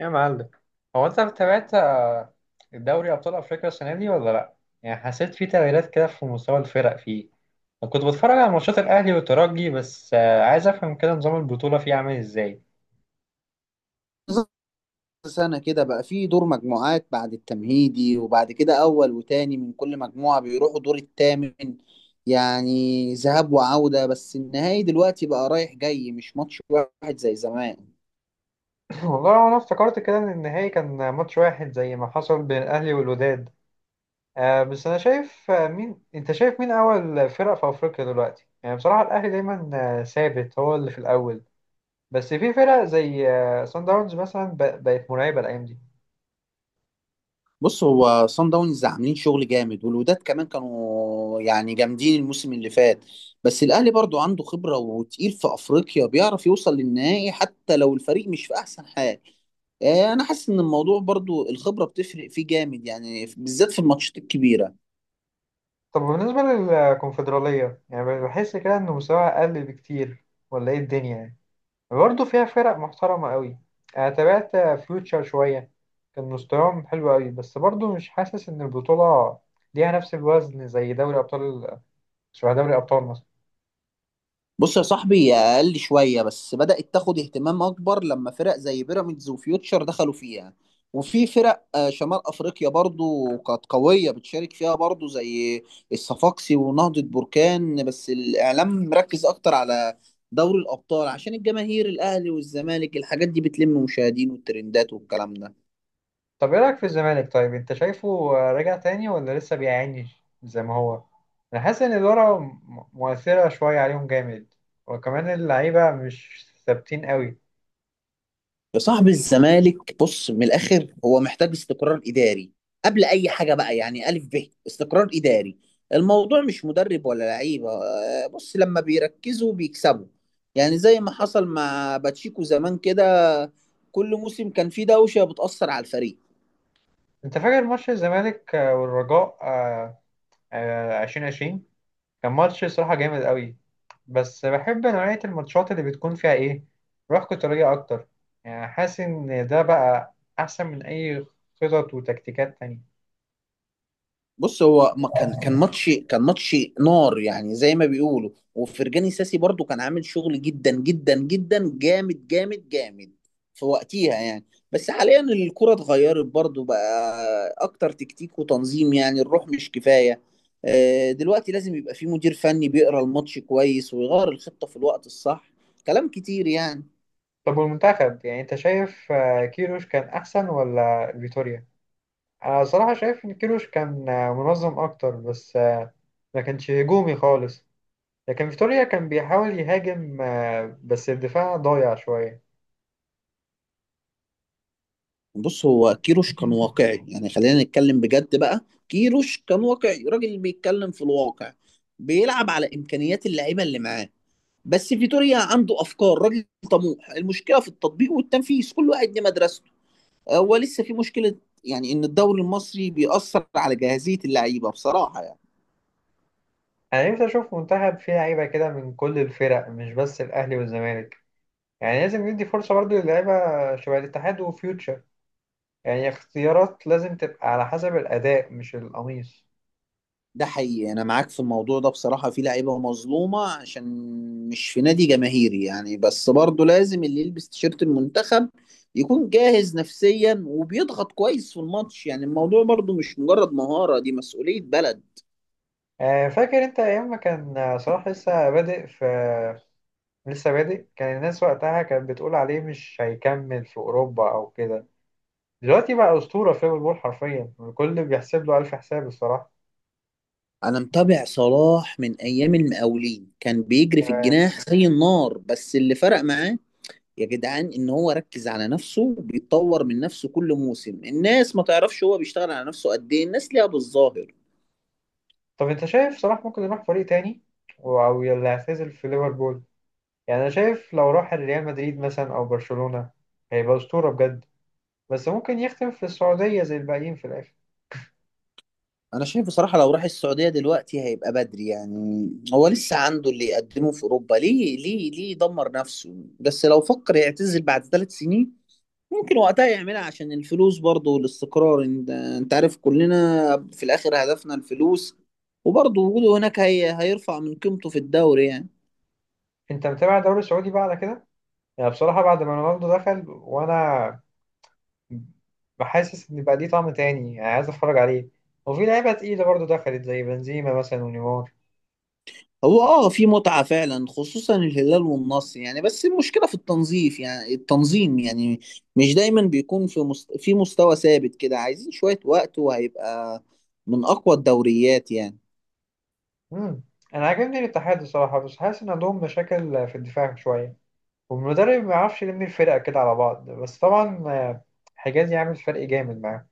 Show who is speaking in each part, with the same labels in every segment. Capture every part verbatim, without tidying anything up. Speaker 1: يا معلم، هو انت تابعت آه، الدوري ابطال افريقيا السنه دي ولا لا؟ يعني حسيت في تغييرات كده في مستوى الفرق فيه؟ انا كنت بتفرج على ماتشات الاهلي والترجي بس، آه، عايز افهم كده نظام البطوله فيه عامل ازاي.
Speaker 2: بالظبط. سنة كده بقى في دور مجموعات بعد التمهيدي، وبعد كده أول وتاني من كل مجموعة بيروحوا دور التامن. يعني ذهاب وعودة، بس النهائي دلوقتي بقى رايح جاي، مش ماتش واحد زي زمان.
Speaker 1: والله انا افتكرت كده ان النهائي كان ماتش واحد زي ما حصل بين الاهلي والوداد. آه بس انا شايف، آه، مين انت شايف مين اول فرق في افريقيا دلوقتي؟ يعني بصراحه الاهلي دايما، آه، ثابت هو اللي في الاول. بس في فرق زي آه، سان داونز مثلا ب- بقت مرعبه الايام دي.
Speaker 2: بص، هو صن داونز عاملين شغل جامد، والوداد كمان كانوا يعني جامدين الموسم اللي فات. بس الأهلي برضو عنده خبرة وتقيل في أفريقيا، بيعرف يوصل للنهائي حتى لو الفريق مش في أحسن حال. آه، انا حاسس ان الموضوع برضو الخبره بتفرق فيه جامد، يعني في- بالذات في الماتشات الكبيره.
Speaker 1: طب بالنسبة للكونفدرالية، يعني بحس كده إنه مستواها أقل بكتير، ولا إيه الدنيا؟ يعني برضه فيها فرق محترمة أوي. أنا تابعت فيوتشر شوية، كان مستواهم حلو أوي، بس برضه مش حاسس إن البطولة ليها نفس الوزن زي دوري أبطال، شبه دوري أبطال مصر.
Speaker 2: بص يا صاحبي، هي اقل شويه، بس بدات تاخد اهتمام اكبر لما فرق زي بيراميدز وفيوتشر دخلوا فيها. وفي فرق آه، شمال افريقيا برضو كانت قويه بتشارك فيها برضو، زي الصفاقسي ونهضه بركان، بس الاعلام مركز اكتر على دوري الابطال عشان الجماهير، الاهلي والزمالك، الحاجات دي بتلم مشاهدين والترندات والكلام ده.
Speaker 1: طب إيه رأيك في الزمالك؟ طيب أنت شايفه رجع تاني ولا لسه بيعاني زي ما هو؟ أنا حاسس إن الإدارة م- مؤثرة شوية عليهم جامد، وكمان اللعيبة مش ثابتين أوي.
Speaker 2: يا صاحبي الزمالك، بص، من الاخر هو محتاج استقرار اداري قبل اي حاجه بقى، يعني الف ب استقرار اداري. الموضوع مش مدرب ولا لعيبه. آه، بص، لما بيركزوا بيكسبوا، يعني زي ما حصل مع باتشيكو زمان كده. كل موسم كان فيه دوشه بتاثر على الفريق.
Speaker 1: انت فاكر ماتش الزمالك آه، والرجاء آه، آه، ألفين وعشرين؟ كان ماتش صراحة جامد قوي. بس بحب نوعية الماتشات اللي بتكون فيها ايه؟ روح قتالية اكتر. يعني حاسس ان ده بقى احسن من اي خطط وتكتيكات تانية.
Speaker 2: بص هو ما كان كان ماتش، كان ماتش نار، يعني زي ما بيقولوا. وفرجاني ساسي برضو كان عامل شغل جدا جدا جدا جامد جامد جامد في وقتها يعني. بس حاليا الكرة اتغيرت برضو، بقى اكتر تكتيك وتنظيم، يعني الروح مش كفاية. آه، دلوقتي لازم يبقى في مدير فني بيقرا الماتش كويس ويغير الخطة في الوقت الصح. كلام كتير يعني.
Speaker 1: طب والمنتخب، يعني انت شايف آه، كيروش كان احسن ولا فيتوريا؟ انا صراحة شايف ان كيروش كان آه، منظم اكتر، بس آه، ما كانش هجومي خالص. لكن فيتوريا كان بيحاول يهاجم، آه، بس الدفاع ضايع شوية.
Speaker 2: بص هو كيروش كان واقعي، يعني خلينا نتكلم بجد بقى. كيروش كان واقعي، راجل بيتكلم في الواقع، بيلعب على امكانيات اللعيبه اللي معاه. بس فيتوريا عنده افكار، راجل طموح، المشكله في التطبيق والتنفيذ. كل واحد ليه مدرسته. هو لسه في مشكله، يعني ان الدوري المصري بيأثر على جاهزيه اللعيبه بصراحه.
Speaker 1: انا نفسي اشوف منتخب فيه لعيبه كده من كل الفرق، مش بس الاهلي والزمالك. يعني لازم ندي فرصه برضو للعيبه شبه الاتحاد وفيوتشر. يعني اختيارات لازم تبقى على حسب الاداء مش القميص.
Speaker 2: ده حقيقي، انا معاك في الموضوع ده. بصراحة في لعيبة مظلومة عشان مش في نادي جماهيري يعني، بس برضه لازم اللي يلبس تيشيرت المنتخب يكون جاهز نفسيا، وبيضغط كويس في الماتش. يعني الموضوع برضه مش مجرد مهارة، دي مسؤولية بلد.
Speaker 1: آه، فاكر انت ايام ما كان آه، صلاح لسه بادئ في لسه بادئ كان الناس وقتها كانت بتقول عليه مش هيكمل في اوروبا او كده؟ دلوقتي بقى اسطوره في ليفربول، حرفيا الكل بيحسب له الف حساب الصراحه.
Speaker 2: انا متابع صلاح من ايام المقاولين، كان بيجري في
Speaker 1: آه،
Speaker 2: الجناح زي النار. بس اللي فرق معاه يا جدعان ان هو ركز على نفسه، بيتطور من نفسه كل موسم. الناس ما تعرفش هو بيشتغل على نفسه قد ايه، الناس ليها بالظاهر.
Speaker 1: طب انت شايف صلاح ممكن يروح فريق تاني او يلا يعتزل في ليفربول؟ يعني انا شايف لو راح ريال مدريد مثلا او برشلونة هيبقى اسطورة بجد. بس ممكن يختم في السعودية زي الباقيين في الاخر.
Speaker 2: انا شايف بصراحه لو راح السعوديه دلوقتي هيبقى بدري، يعني هو لسه عنده اللي يقدمه في اوروبا، ليه ليه ليه يدمر نفسه؟ بس لو فكر يعتزل بعد ثلاث سنين، ممكن وقتها يعملها عشان الفلوس برضه، والاستقرار. انت انت عارف كلنا في الاخر هدفنا الفلوس. وبرضه وجوده هناك هي هيرفع من قيمته في الدوري يعني.
Speaker 1: انت متابع الدوري السعودي بقى على كده؟ يعني بصراحة بعد ما رونالدو دخل، وانا بحاسس ان بقى ليه طعم تاني، يعني عايز اتفرج عليه. وفي لعيبة تقيلة برضو دخلت زي بنزيما مثلا ونيمار.
Speaker 2: هو اه، في متعة فعلا، خصوصا الهلال والنصر يعني، بس المشكلة في التنظيف، يعني التنظيم يعني. مش دايما بيكون في مست... في مستوى ثابت كده. عايزين شوية وقت وهيبقى من أقوى الدوريات يعني.
Speaker 1: امم، انا عاجبني الاتحاد الصراحة، بس حاسس ان عندهم مشاكل في الدفاع شوية، والمدرب ما يعرفش يلم الفرقة كده على بعض. بس طبعا، آه، حجازي عامل فرق جامد معاهم.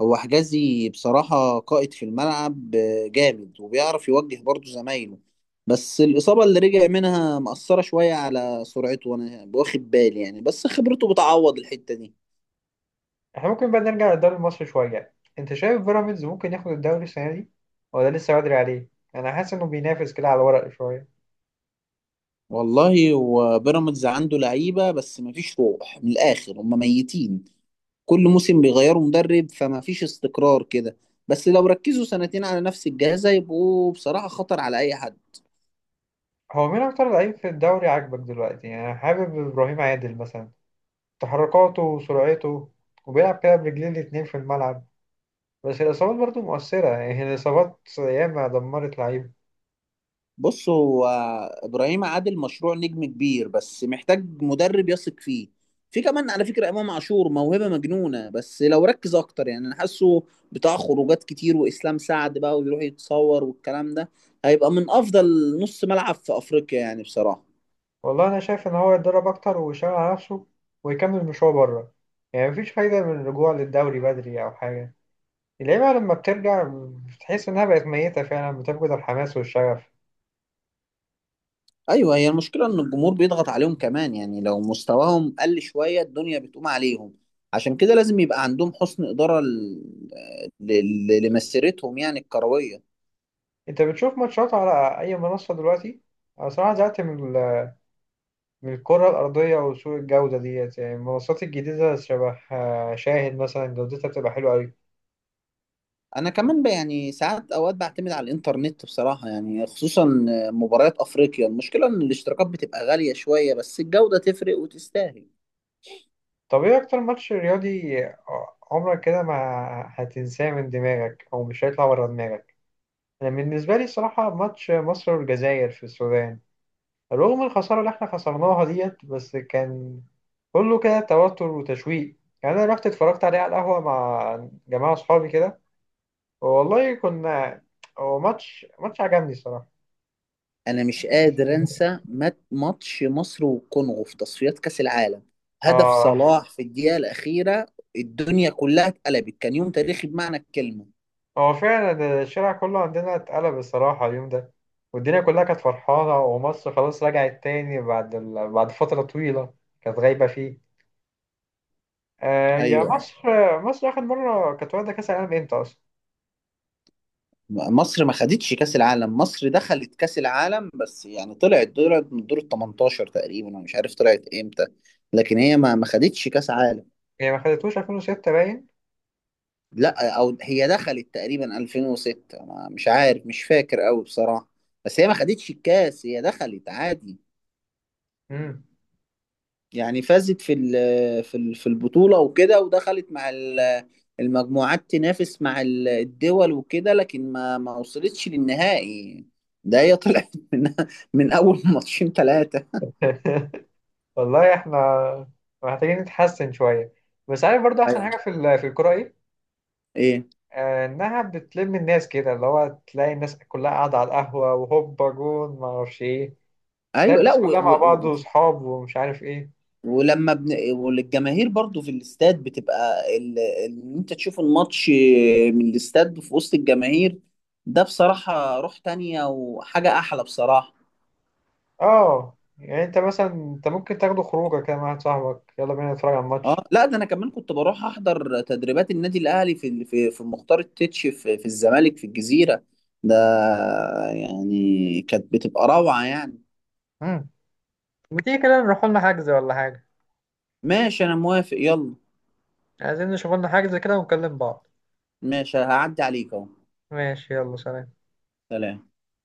Speaker 2: هو حجازي بصراحة قائد في الملعب، آه، جامد وبيعرف يوجه برضه زمايله. بس الإصابة اللي رجع منها مأثرة شوية على سرعته، وأنا واخد بالي يعني، بس خبرته بتعوض الحتة دي.
Speaker 1: احنا ممكن بقى نرجع للدوري المصري شوية؟ انت شايف بيراميدز ممكن ياخد الدوري السنة دي ولا لسه بدري عليه؟ انا حاسس انه بينافس كده على الورق شوية.
Speaker 2: والله هو بيراميدز عنده لعيبه، بس مفيش روح، من الاخر هم ميتين. كل موسم بيغيروا مدرب، فمفيش استقرار كده. بس لو ركزوا سنتين على نفس الجهاز هيبقوا بصراحه خطر على اي حد.
Speaker 1: هو مين اكتر لعيب في الدوري عاجبك دلوقتي؟ يعني انا حابب ابراهيم عادل مثلا، تحركاته وسرعته، وبيلعب كده برجلين الاتنين في الملعب. بس الاصابات برضه مؤثرة، يعني الاصابات ياما دمرت لعيبه.
Speaker 2: بص هو ابراهيم عادل مشروع نجم كبير، بس محتاج مدرب يثق فيه. في كمان على فكره امام عاشور، موهبه مجنونه، بس لو ركز اكتر يعني، انا حاسه بتاع خروجات كتير، واسلام سعد بقى ويروح يتصور والكلام ده. هيبقى من افضل نص ملعب في افريقيا يعني بصراحه.
Speaker 1: والله انا شايف ان هو يتدرب اكتر ويشتغل على نفسه ويكمل مشواره بره. يعني مفيش فايدة من الرجوع للدوري بدري او حاجة. اللعيبة لما بترجع بتحس إنها بقت ميتة فعلا، بتفقد الحماس والشغف.
Speaker 2: ايوه، هي المشكله ان الجمهور بيضغط عليهم كمان. يعني لو مستواهم قل شويه الدنيا بتقوم عليهم. عشان كده لازم يبقى عندهم حسن اداره ل- ل- لمسيرتهم يعني الكرويه.
Speaker 1: أنت بتشوف ماتشات على أي منصة دلوقتي؟ أنا صراحة زهقت من ال- من الكرة الأرضية وسوء الجودة ديت. يعني المنصات الجديدة شبه آه، شاهد مثلا، جودتها بتبقى حلوة أوي.
Speaker 2: انا كمان ب- يعني ساعات اوقات بعتمد على الانترنت بصراحه، يعني خصوصا مباريات افريقيا. المشكله ان الاشتراكات بتبقى غاليه شويه، بس الجوده تفرق وتستاهل.
Speaker 1: طب إيه أكتر ماتش رياضي عمرك كده ما هتنساه من دماغك، أو مش هيطلع ورا دماغك؟ أنا بالنسبة لي الصراحة ماتش مصر والجزائر في السودان، رغم الخسارة اللي احنا خسرناها ديت، بس كان كله كده توتر وتشويق. يعني انا رحت اتفرجت عليه على القهوة مع جماعة اصحابي كده، والله كنا، هو ماتش ماتش عجبني الصراحة.
Speaker 2: انا مش قادر انسى مات- ماتش مصر والكونغو في تصفيات كاس العالم، هدف
Speaker 1: اه،
Speaker 2: صلاح في الدقيقه الاخيره. الدنيا كلها اتقلبت، كان يوم تاريخي بمعنى الكلمه.
Speaker 1: هو فعلا الشارع كله عندنا اتقلب الصراحة اليوم ده، والدنيا كلها كانت فرحانة، ومصر خلاص رجعت تاني بعد ال... بعد فترة طويلة كانت غايبة فيه. آه يا
Speaker 2: ايوه.
Speaker 1: مصر. مصر آخر مرة كانت واخدة كأس العالم امتى أصلا؟
Speaker 2: مصر ما خدتش كاس العالم، مصر دخلت كاس العالم بس، يعني طلعت دور من دور ال تمنتاشر تقريبا، انا مش عارف طلعت امتى. لكن هي ما ما خدتش كاس عالم.
Speaker 1: هي ما خدتوش ألفين وستة باين؟
Speaker 2: لا، او هي دخلت تقريبا ألفين وستة، ما- مش عارف، مش فاكر قوي بصراحه. بس هي ما خدتش الكاس، هي دخلت عادي.
Speaker 1: مم.
Speaker 2: يعني فازت في ال- في ال- في البطولة وكده، ودخلت مع ال- المجموعات، تنافس مع ال- الدول وكده، لكن ما ما وصلتش للنهائي. ده هي طلعت من من اول ماتشين ثلاثة.
Speaker 1: والله احنا محتاجين نتحسن شوية. بس عارف برضو أحسن
Speaker 2: ايوه.
Speaker 1: حاجة في ال- في الكورة إيه؟
Speaker 2: ايه.
Speaker 1: آه، إنها بتلم الناس كده، اللي هو تلاقي الناس كلها قاعدة على القهوة وهوبا جون ما أعرفش إيه. تلاقي
Speaker 2: ايوه. لا،
Speaker 1: الناس
Speaker 2: و
Speaker 1: كلها
Speaker 2: و
Speaker 1: مع بعض
Speaker 2: و-
Speaker 1: وصحاب ومش عارف إيه.
Speaker 2: ولما بن... والجماهير برضو في الاستاد بتبقى ال... ان انت تشوف الماتش من الاستاد في وسط الجماهير، ده بصراحة روح تانية، وحاجة احلى بصراحة.
Speaker 1: آه يعني أنت مثلا، أنت ممكن تاخده خروجة كده مع واحد صاحبك: يلا بينا نتفرج على الماتش.
Speaker 2: اه لا، ده انا كمان كنت بروح احضر تدريبات النادي الاهلي في في في مختار التتش، في في الزمالك، في الجزيره ده، يعني كانت بتبقى روعه يعني.
Speaker 1: مم. ما تيجي كده نروح لنا حجز ولا حاجة؟
Speaker 2: ماشي، انا موافق، يلا.
Speaker 1: عايزين نشوف لنا حجز كده ونكلم بعض.
Speaker 2: ماشي، هعدي عليك اهو.
Speaker 1: ماشي يلا سلام.
Speaker 2: سلام.